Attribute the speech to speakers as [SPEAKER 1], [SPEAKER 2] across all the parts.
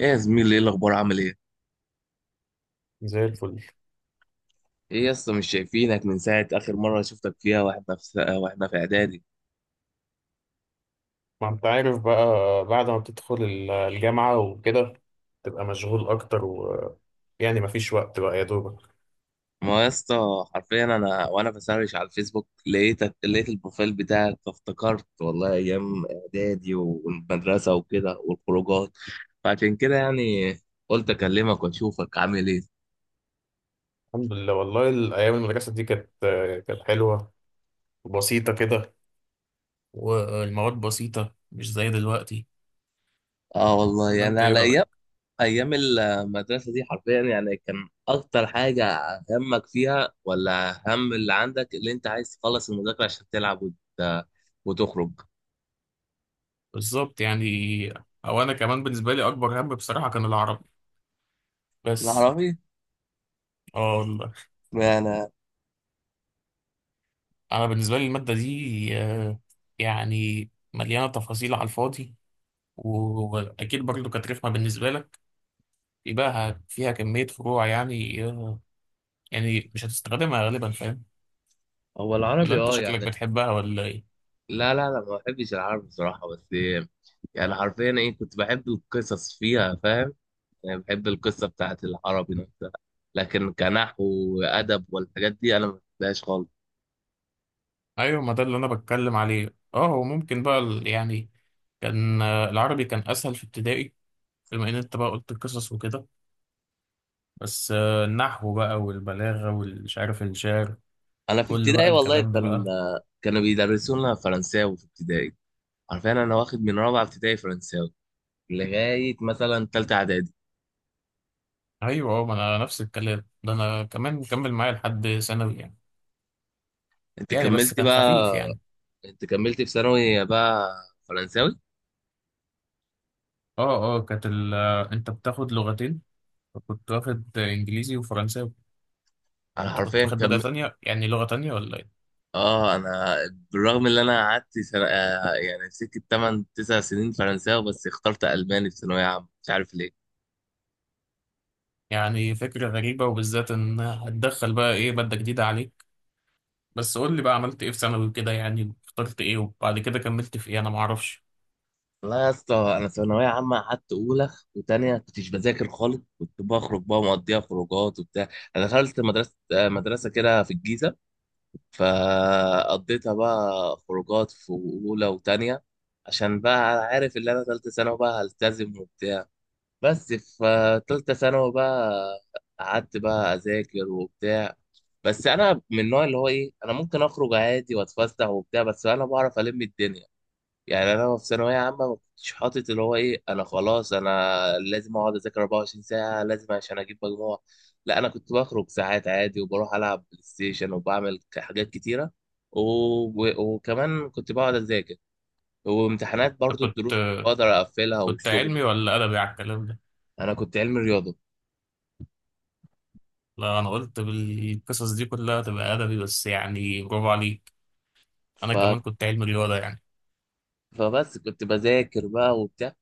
[SPEAKER 1] ايه يا زميلي، ايه الاخبار؟ عامل ايه؟
[SPEAKER 2] زي الفل.
[SPEAKER 1] ايه يا اسطى، مش شايفينك من ساعه اخر مره شفتك فيها واحنا في اعدادي.
[SPEAKER 2] ما انت عارف بقى، بعد ما بتدخل الجامعة وكده تبقى مشغول أكتر، ويعني مفيش وقت بقى يا دوبك.
[SPEAKER 1] ما يا اسطى، حرفيا انا وانا بسرش على الفيسبوك لقيتك، لقيت البروفايل بتاعك فافتكرت والله ايام اعدادي والمدرسه وكده والخروجات. فعشان كده يعني قلت اكلمك واشوفك عامل ايه.
[SPEAKER 2] الحمد لله، والله الأيام المدرسة دي كانت كانت حلوة وبسيطة كده، والمواد بسيطة مش زي دلوقتي.
[SPEAKER 1] اه والله،
[SPEAKER 2] ولا
[SPEAKER 1] يعني
[SPEAKER 2] أنت إيه
[SPEAKER 1] على ايام
[SPEAKER 2] رأيك؟
[SPEAKER 1] ايام المدرسه دي حرفيا، يعني كان اكتر حاجه همك فيها ولا هم اللي عندك اللي انت عايز تخلص المذاكره عشان تلعب وتخرج.
[SPEAKER 2] بالظبط يعني. أو أنا كمان بالنسبة لي أكبر هم بصراحة كان العربي بس.
[SPEAKER 1] العربي.
[SPEAKER 2] آه والله،
[SPEAKER 1] انا.
[SPEAKER 2] أنا بالنسبة لي المادة دي يعني مليانة تفاصيل على الفاضي، و- وأكيد برضو كانت رخمة بالنسبة لك. يبقى فيها كمية فروع، يعني يعني مش هتستخدمها غالبا، فاهم.
[SPEAKER 1] هو
[SPEAKER 2] لا
[SPEAKER 1] العربي
[SPEAKER 2] انت
[SPEAKER 1] اه
[SPEAKER 2] شكلك
[SPEAKER 1] يعني.
[SPEAKER 2] بتحبها ولا ايه؟
[SPEAKER 1] لا لا لا، ما بحبش العربي بصراحه، بس يعني حرفيا ايه، كنت بحب القصص فيها فاهم؟ يعني بحب القصه بتاعت العربي نفسها، لكن كنحو وادب والحاجات دي انا ما بحبهاش خالص.
[SPEAKER 2] ايوه، ما ده اللي انا بتكلم عليه. اه هو ممكن بقى يعني كان العربي كان اسهل في ابتدائي، بما ان انت بقى قلت القصص وكده. بس النحو بقى والبلاغة والمش عارف الشعر،
[SPEAKER 1] انا في
[SPEAKER 2] كل بقى
[SPEAKER 1] ابتدائي والله
[SPEAKER 2] الكلام ده
[SPEAKER 1] كان،
[SPEAKER 2] بقى.
[SPEAKER 1] كانوا بيدرسونا فرنساوي في ابتدائي. عارفين انا واخد من رابعه ابتدائي فرنساوي لغايه مثلا تالته اعدادي.
[SPEAKER 2] ايوه اه، ما انا نفس الكلام ده، انا كمان مكمل معايا لحد ثانوي يعني.
[SPEAKER 1] انت
[SPEAKER 2] يعني بس
[SPEAKER 1] كملت
[SPEAKER 2] كان
[SPEAKER 1] بقى؟
[SPEAKER 2] خفيف يعني.
[SPEAKER 1] انت كملت في ثانوي بقى فرنساوي؟
[SPEAKER 2] اه اه، كانت انت بتاخد لغتين، كنت واخد انجليزي وفرنساوي.
[SPEAKER 1] انا
[SPEAKER 2] انت كنت
[SPEAKER 1] حرفيا
[SPEAKER 2] واخد مادة تانية، يعني لغة تانية ولا ايه؟
[SPEAKER 1] اه انا بالرغم ان انا قعدت سنة... آه يعني سكه 8 9 سنين فرنساوي، بس اخترت الماني في ثانويه عامه، مش عارف ليه.
[SPEAKER 2] يعني فكرة غريبة، وبالذات ان هتدخل بقى ايه مادة جديدة عليك. بس قول لي بقى عملت ايه في ثانوي كده، يعني اخترت ايه وبعد كده كملت في ايه، انا معرفش.
[SPEAKER 1] والله يا اسطى، انا ثانويه عامه قعدت اولى وتانية كنتش بذاكر خالص، كنت بخرج بقى مقضيها خروجات وبتاع. انا دخلت مدرسه كده في الجيزه، فقضيتها بقى خروجات في أولى وتانية عشان بقى أنا عارف إن أنا تالتة ثانوي بقى هلتزم وبتاع. بس في تالتة ثانوي بقى قعدت بقى أذاكر وبتاع. بس أنا من النوع اللي هو إيه، أنا ممكن أخرج عادي وأتفسح وبتاع، بس أنا بعرف ألم الدنيا. يعني انا في ثانويه عامه ما كنتش حاطط اللي هو ايه، انا خلاص انا لازم اقعد اذاكر 24 ساعه لازم عشان اجيب مجموع. لا، انا كنت بخرج ساعات عادي وبروح العب بلاي ستيشن وبعمل حاجات كتيره، وكمان كنت بقعد اذاكر وامتحانات،
[SPEAKER 2] انت
[SPEAKER 1] برضو
[SPEAKER 2] كنت
[SPEAKER 1] الدروس كنت بقدر اقفلها
[SPEAKER 2] كنت
[SPEAKER 1] والشغل
[SPEAKER 2] علمي
[SPEAKER 1] ده.
[SPEAKER 2] ولا ادبي على الكلام ده؟
[SPEAKER 1] انا كنت علمي رياضه.
[SPEAKER 2] لا انا قلت بالقصص دي كلها تبقى ادبي، بس يعني برافو عليك. انا
[SPEAKER 1] ف...
[SPEAKER 2] كمان كنت علمي رياضة يعني.
[SPEAKER 1] فبس كنت بذاكر بقى وبتاع.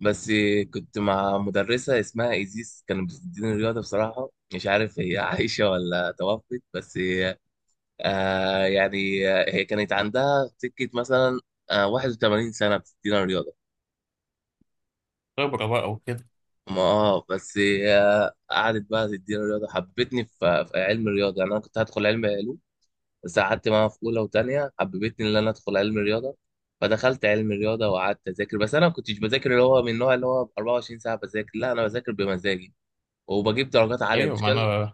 [SPEAKER 1] بس كنت مع مدرسة اسمها إيزيس كانت بتديني رياضة، بصراحة مش عارف هي عايشة ولا توفت، بس آه يعني هي كانت عندها سكة مثلا آه 81 سنة بتدينا رياضة.
[SPEAKER 2] خبرة بقى وكده.
[SPEAKER 1] ما اه بس آه قعدت بقى تدينا رياضة، حبتني في علم الرياضة. يعني أنا كنت هدخل علم علوم، بس قعدت معاها في أولى وتانية حببتني إن أنا أدخل علم الرياضة، فدخلت علم الرياضة وقعدت أذاكر. بس أنا ما كنتش بذاكر اللي هو من النوع اللي هو 24 ساعة بذاكر، لا أنا بذاكر بمزاجي وبجيب درجات عالية،
[SPEAKER 2] ايوه، ما
[SPEAKER 1] المشكلة.
[SPEAKER 2] انا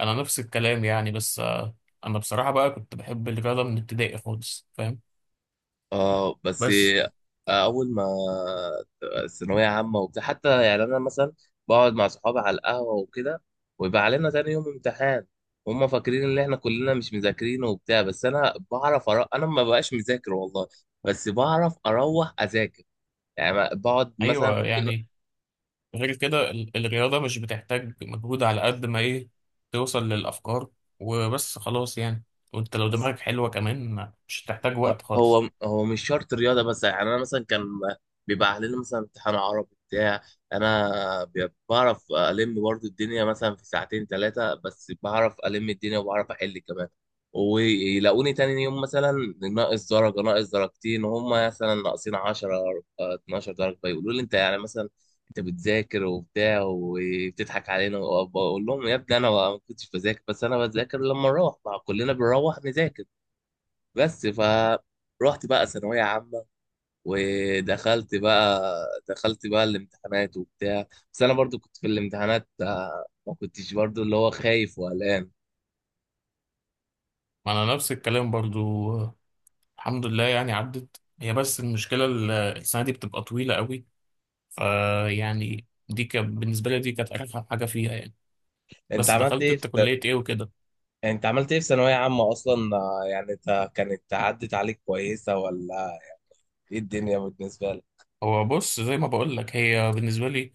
[SPEAKER 2] انا نفس الكلام يعني. بس انا بصراحة بقى كنت بحب الرياضة من ابتدائي خالص، فاهم.
[SPEAKER 1] اه بس
[SPEAKER 2] بس
[SPEAKER 1] آه، اول ما ثانويه عامه وبتاع، حتى يعني انا مثلا بقعد مع صحابي على القهوه وكده ويبقى علينا تاني يوم امتحان، هما فاكرين ان احنا كلنا مش مذاكرين وبتاع. بس انا بعرف انا ما بقاش مذاكر والله، بس بعرف اروح اذاكر. يعني بقعد مثلا
[SPEAKER 2] ايوه
[SPEAKER 1] ممكن
[SPEAKER 2] يعني، غير كده الرياضة مش بتحتاج مجهود على قد ما إيه، توصل للأفكار وبس خلاص يعني. وأنت لو دماغك حلوة كمان مش هتحتاج وقت خالص.
[SPEAKER 1] هو مش شرط رياضه. بس يعني انا مثلا كان بيبقى علينا مثلا امتحان عربي بتاع، انا بعرف الم برضو الدنيا مثلا في ساعتين ثلاثه، بس بعرف الم الدنيا وبعرف احل كمان، ويلاقوني تاني يوم مثلا ناقص درجه، ناقص درجتين، وهم مثلا ناقصين 10 12 درجه. فيقولوا لي انت يعني مثلا انت بتذاكر وبتاع وبتضحك علينا اقول لهم يا ابني انا ما كنتش بذاكر، بس انا بذاكر لما اروح، مع كلنا بنروح نذاكر بس. فروحت بقى ثانوية عامة ودخلت بقى، دخلت بقى الامتحانات وبتاع. بس أنا برضو كنت في الامتحانات ما كنتش برضو اللي هو خايف وقلقان.
[SPEAKER 2] ما أنا نفس الكلام برضو، الحمد لله يعني عدت هي. بس المشكلة السنة دي بتبقى طويلة قوي، فيعني دي كان بالنسبة لي دي كانت أرخم حاجة فيها يعني.
[SPEAKER 1] أنت
[SPEAKER 2] بس
[SPEAKER 1] عملت
[SPEAKER 2] دخلت
[SPEAKER 1] إيه في،
[SPEAKER 2] أنت كلية إيه وكده؟
[SPEAKER 1] أنت عملت إيه في ثانوية عامة أصلا يعني أنت كانت عدت عليك كويسة ولا إيه الدنيا بالنسبة لك؟
[SPEAKER 2] هو بص، زي ما بقولك، هي بالنسبة لي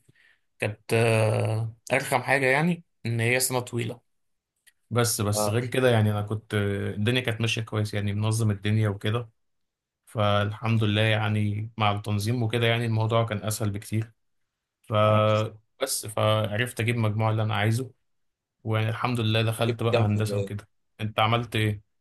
[SPEAKER 2] كانت أرخم حاجة يعني إن هي سنة طويلة. بس
[SPEAKER 1] أه.
[SPEAKER 2] غير كده يعني انا كنت الدنيا كانت ماشيه كويس، يعني منظم الدنيا وكده. فالحمد لله يعني، مع التنظيم وكده يعني الموضوع كان اسهل بكتير. ف
[SPEAKER 1] أنا
[SPEAKER 2] بس فعرفت اجيب المجموع اللي انا عايزه، والحمد لله
[SPEAKER 1] جبت
[SPEAKER 2] دخلت بقى
[SPEAKER 1] كام في
[SPEAKER 2] هندسه
[SPEAKER 1] المية؟
[SPEAKER 2] وكده. انت عملت ايه؟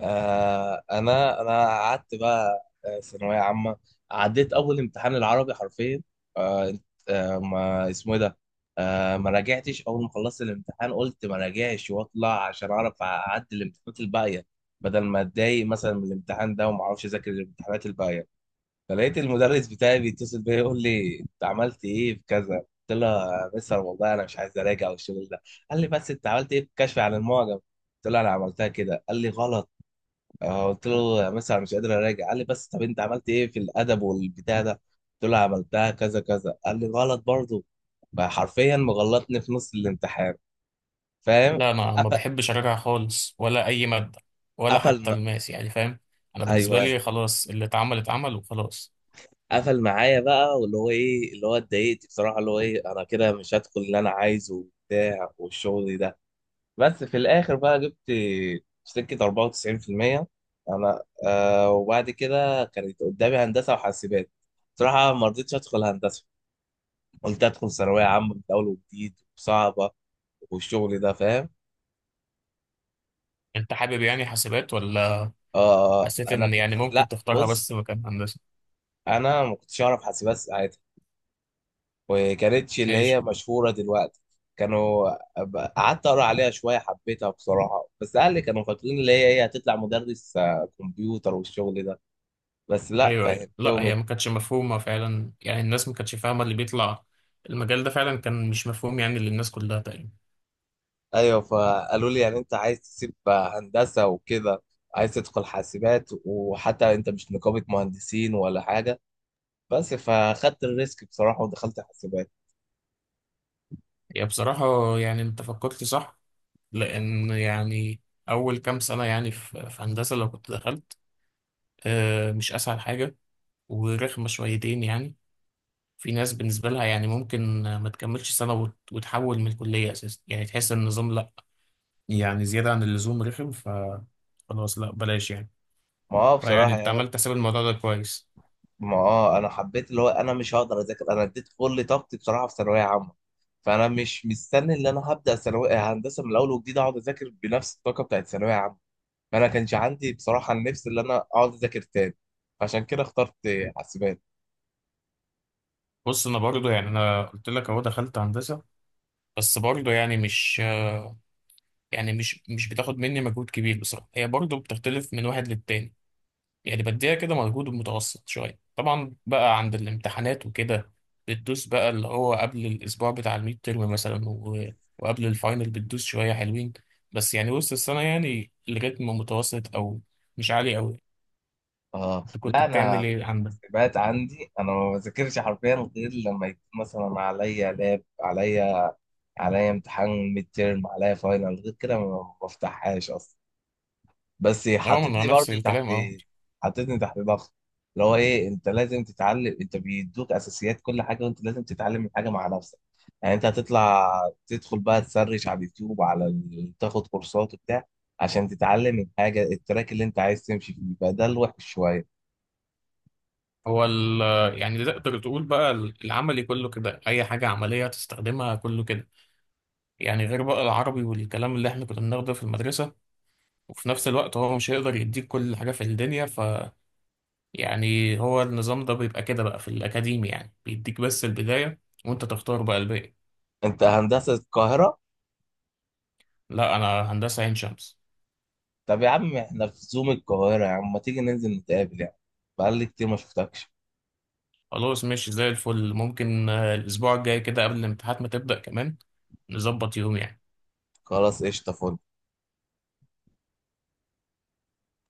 [SPEAKER 1] آه انا انا قعدت بقى ثانويه عامه، عديت اول امتحان العربي حرفيا. آه، آه ما اسمه إيه ده، آه ما راجعتش. اول ما خلصت الامتحان قلت ما راجعش واطلع عشان اعرف اعدي الامتحانات الباقيه بدل ما اتضايق مثلا من الامتحان ده وما اعرفش اذاكر الامتحانات الباقيه. فلقيت المدرس بتاعي بيتصل بيا يقول لي انت عملت ايه في كذا. قلت له يا مستر والله انا مش عايز اراجع والشغل ده. قال لي بس انت عملت ايه في الكشف عن المعجم؟ قلت له انا عملتها كده. قال لي غلط. قلت له يا مس انا مش قادر اراجع. قال لي بس طب انت عملت ايه في الادب والبتاع ده؟ قلت له عملتها كذا كذا. قال لي غلط برضه. فحرفيا مغلطني في نص الامتحان فاهم.
[SPEAKER 2] لا انا ما
[SPEAKER 1] قف-
[SPEAKER 2] بحبش اراجع خالص ولا اي ماده، ولا
[SPEAKER 1] قفل
[SPEAKER 2] حتى
[SPEAKER 1] م...
[SPEAKER 2] الماس يعني، فاهم. انا بالنسبه
[SPEAKER 1] ايوه
[SPEAKER 2] لي خلاص، اللي اتعمل اتعمل وخلاص.
[SPEAKER 1] قفل معايا بقى واللي هو ايه، اللي هو اتضايقت بصراحه اللي هو ايه، انا كده مش هدخل اللي انا عايزه وبتاع والشغل ده. بس في الاخر بقى جبت في سكه 94%. انا آه وبعد كده كانت قدامي هندسه وحاسبات. بصراحه ما رضيتش ادخل هندسه، قلت ادخل ثانويه عامه من اول وجديد وصعبه والشغل ده فاهم.
[SPEAKER 2] انت حابب يعني حاسبات، ولا
[SPEAKER 1] آه
[SPEAKER 2] حسيت
[SPEAKER 1] انا
[SPEAKER 2] ان
[SPEAKER 1] كنت
[SPEAKER 2] يعني ممكن
[SPEAKER 1] لا
[SPEAKER 2] تختارها
[SPEAKER 1] بص،
[SPEAKER 2] بس مكان هندسه؟
[SPEAKER 1] انا ما كنتش اعرف حاسبات ساعتها، وكانتش اللي
[SPEAKER 2] ماشي.
[SPEAKER 1] هي مشهوره دلوقتي. كانوا، قعدت اقرا عليها شويه حبيتها بصراحه، بس اهلي كانوا فاكرين اللي هي هي هتطلع مدرس آه، كمبيوتر والشغل ده، بس لا
[SPEAKER 2] ايوه ايوه، لا
[SPEAKER 1] فهمتهم
[SPEAKER 2] هي ما كانتش مفهومه فعلا، يعني الناس ما كانتش فاهمه اللي بيطلع المجال ده. فعلا كان مش مفهوم يعني للناس كلها تقريبا.
[SPEAKER 1] ايوه. فقالوا لي يعني انت عايز تسيب هندسه وكده، عايز تدخل حاسبات، وحتى انت مش نقابه مهندسين ولا حاجه، بس فاخدت الريسك بصراحه ودخلت حاسبات.
[SPEAKER 2] يعني بصراحه يعني، انت فكرت صح، لان يعني اول كام سنه يعني في هندسه لو كنت دخلت، مش اسهل حاجه ورخمه شويتين يعني. في ناس بالنسبه لها يعني ممكن ما تكملش سنه وت- وتحول من الكليه اساسا، يعني تحس ان النظام لا، يعني زياده عن اللزوم رخم. ف خلاص لا بلاش يعني.
[SPEAKER 1] ما هو
[SPEAKER 2] فيعني
[SPEAKER 1] بصراحه
[SPEAKER 2] انت
[SPEAKER 1] يعني،
[SPEAKER 2] عملت حساب الموضوع ده كويس.
[SPEAKER 1] ما هو انا حبيت اللي هو انا مش هقدر اذاكر، انا اديت كل طاقتي بصراحه في ثانويه عامه، فانا مش مستني ان انا هبدا ثانويه هندسه من الاول وجديد اقعد اذاكر بنفس الطاقه بتاعت ثانويه عامه. فانا كانش عندي بصراحه النفس اللي انا اقعد اذاكر تاني، عشان كده اخترت حاسبات.
[SPEAKER 2] بص، انا برضو يعني، انا قلت لك اهو دخلت هندسه. بس برضو يعني مش، يعني مش بتاخد مني مجهود كبير بصراحه. هي برضو بتختلف من واحد للتاني، يعني بديها كده مجهود متوسط شويه. طبعا بقى عند الامتحانات وكده بتدوس بقى اللي هو قبل الاسبوع بتاع الميد ترم مثلا، وقبل الفاينل بتدوس شويه حلوين. بس يعني وسط السنه يعني الريتم متوسط، او مش عالي قوي.
[SPEAKER 1] اه
[SPEAKER 2] انت كنت
[SPEAKER 1] لا
[SPEAKER 2] بتعمل
[SPEAKER 1] انا،
[SPEAKER 2] ايه عندك؟
[SPEAKER 1] حاسبات عندي انا ما بذاكرش حرفيا غير لما يكون مثلا عليا لاب، عليا عليا امتحان ميد تيرم، عليا فاينل. غير كده ما بفتحهاش اصلا. بس
[SPEAKER 2] اه، ما انا
[SPEAKER 1] حطيتني
[SPEAKER 2] نفس
[SPEAKER 1] برضو
[SPEAKER 2] الكلام
[SPEAKER 1] تحت،
[SPEAKER 2] اهو.
[SPEAKER 1] حطيتني تحت ضغط اللي هو ايه انت لازم تتعلم، انت بيدوك اساسيات كل حاجه وانت لازم تتعلم الحاجه مع نفسك. يعني انت هتطلع تدخل بقى تسرش على اليوتيوب على تاخد كورسات وبتاع عشان تتعلم الحاجه، التراك اللي انت عايز تمشي فيه يبقى ده الوحش شويه.
[SPEAKER 2] هو يعني تقدر تقول بقى العملي كله كده، أي حاجة عملية تستخدمها كله كده، يعني غير بقى العربي والكلام اللي احنا كنا بناخده في المدرسة. وفي نفس الوقت هو مش هيقدر يديك كل حاجة في الدنيا، ف يعني هو النظام ده بيبقى كده بقى في الأكاديمي، يعني بيديك بس البداية وأنت تختار بقى الباقي.
[SPEAKER 1] انت هندسه القاهره؟
[SPEAKER 2] لا أنا هندسة عين شمس.
[SPEAKER 1] طب يا عم احنا في زوم القاهره، يا عم ما تيجي ننزل نتقابل يعني، بقالي كتير ما شفتكش.
[SPEAKER 2] خلاص ماشي، زي الفل. ممكن الأسبوع الجاي كده قبل الامتحانات ما تبدأ، كمان نظبط يوم يعني.
[SPEAKER 1] خلاص قشطه، فل.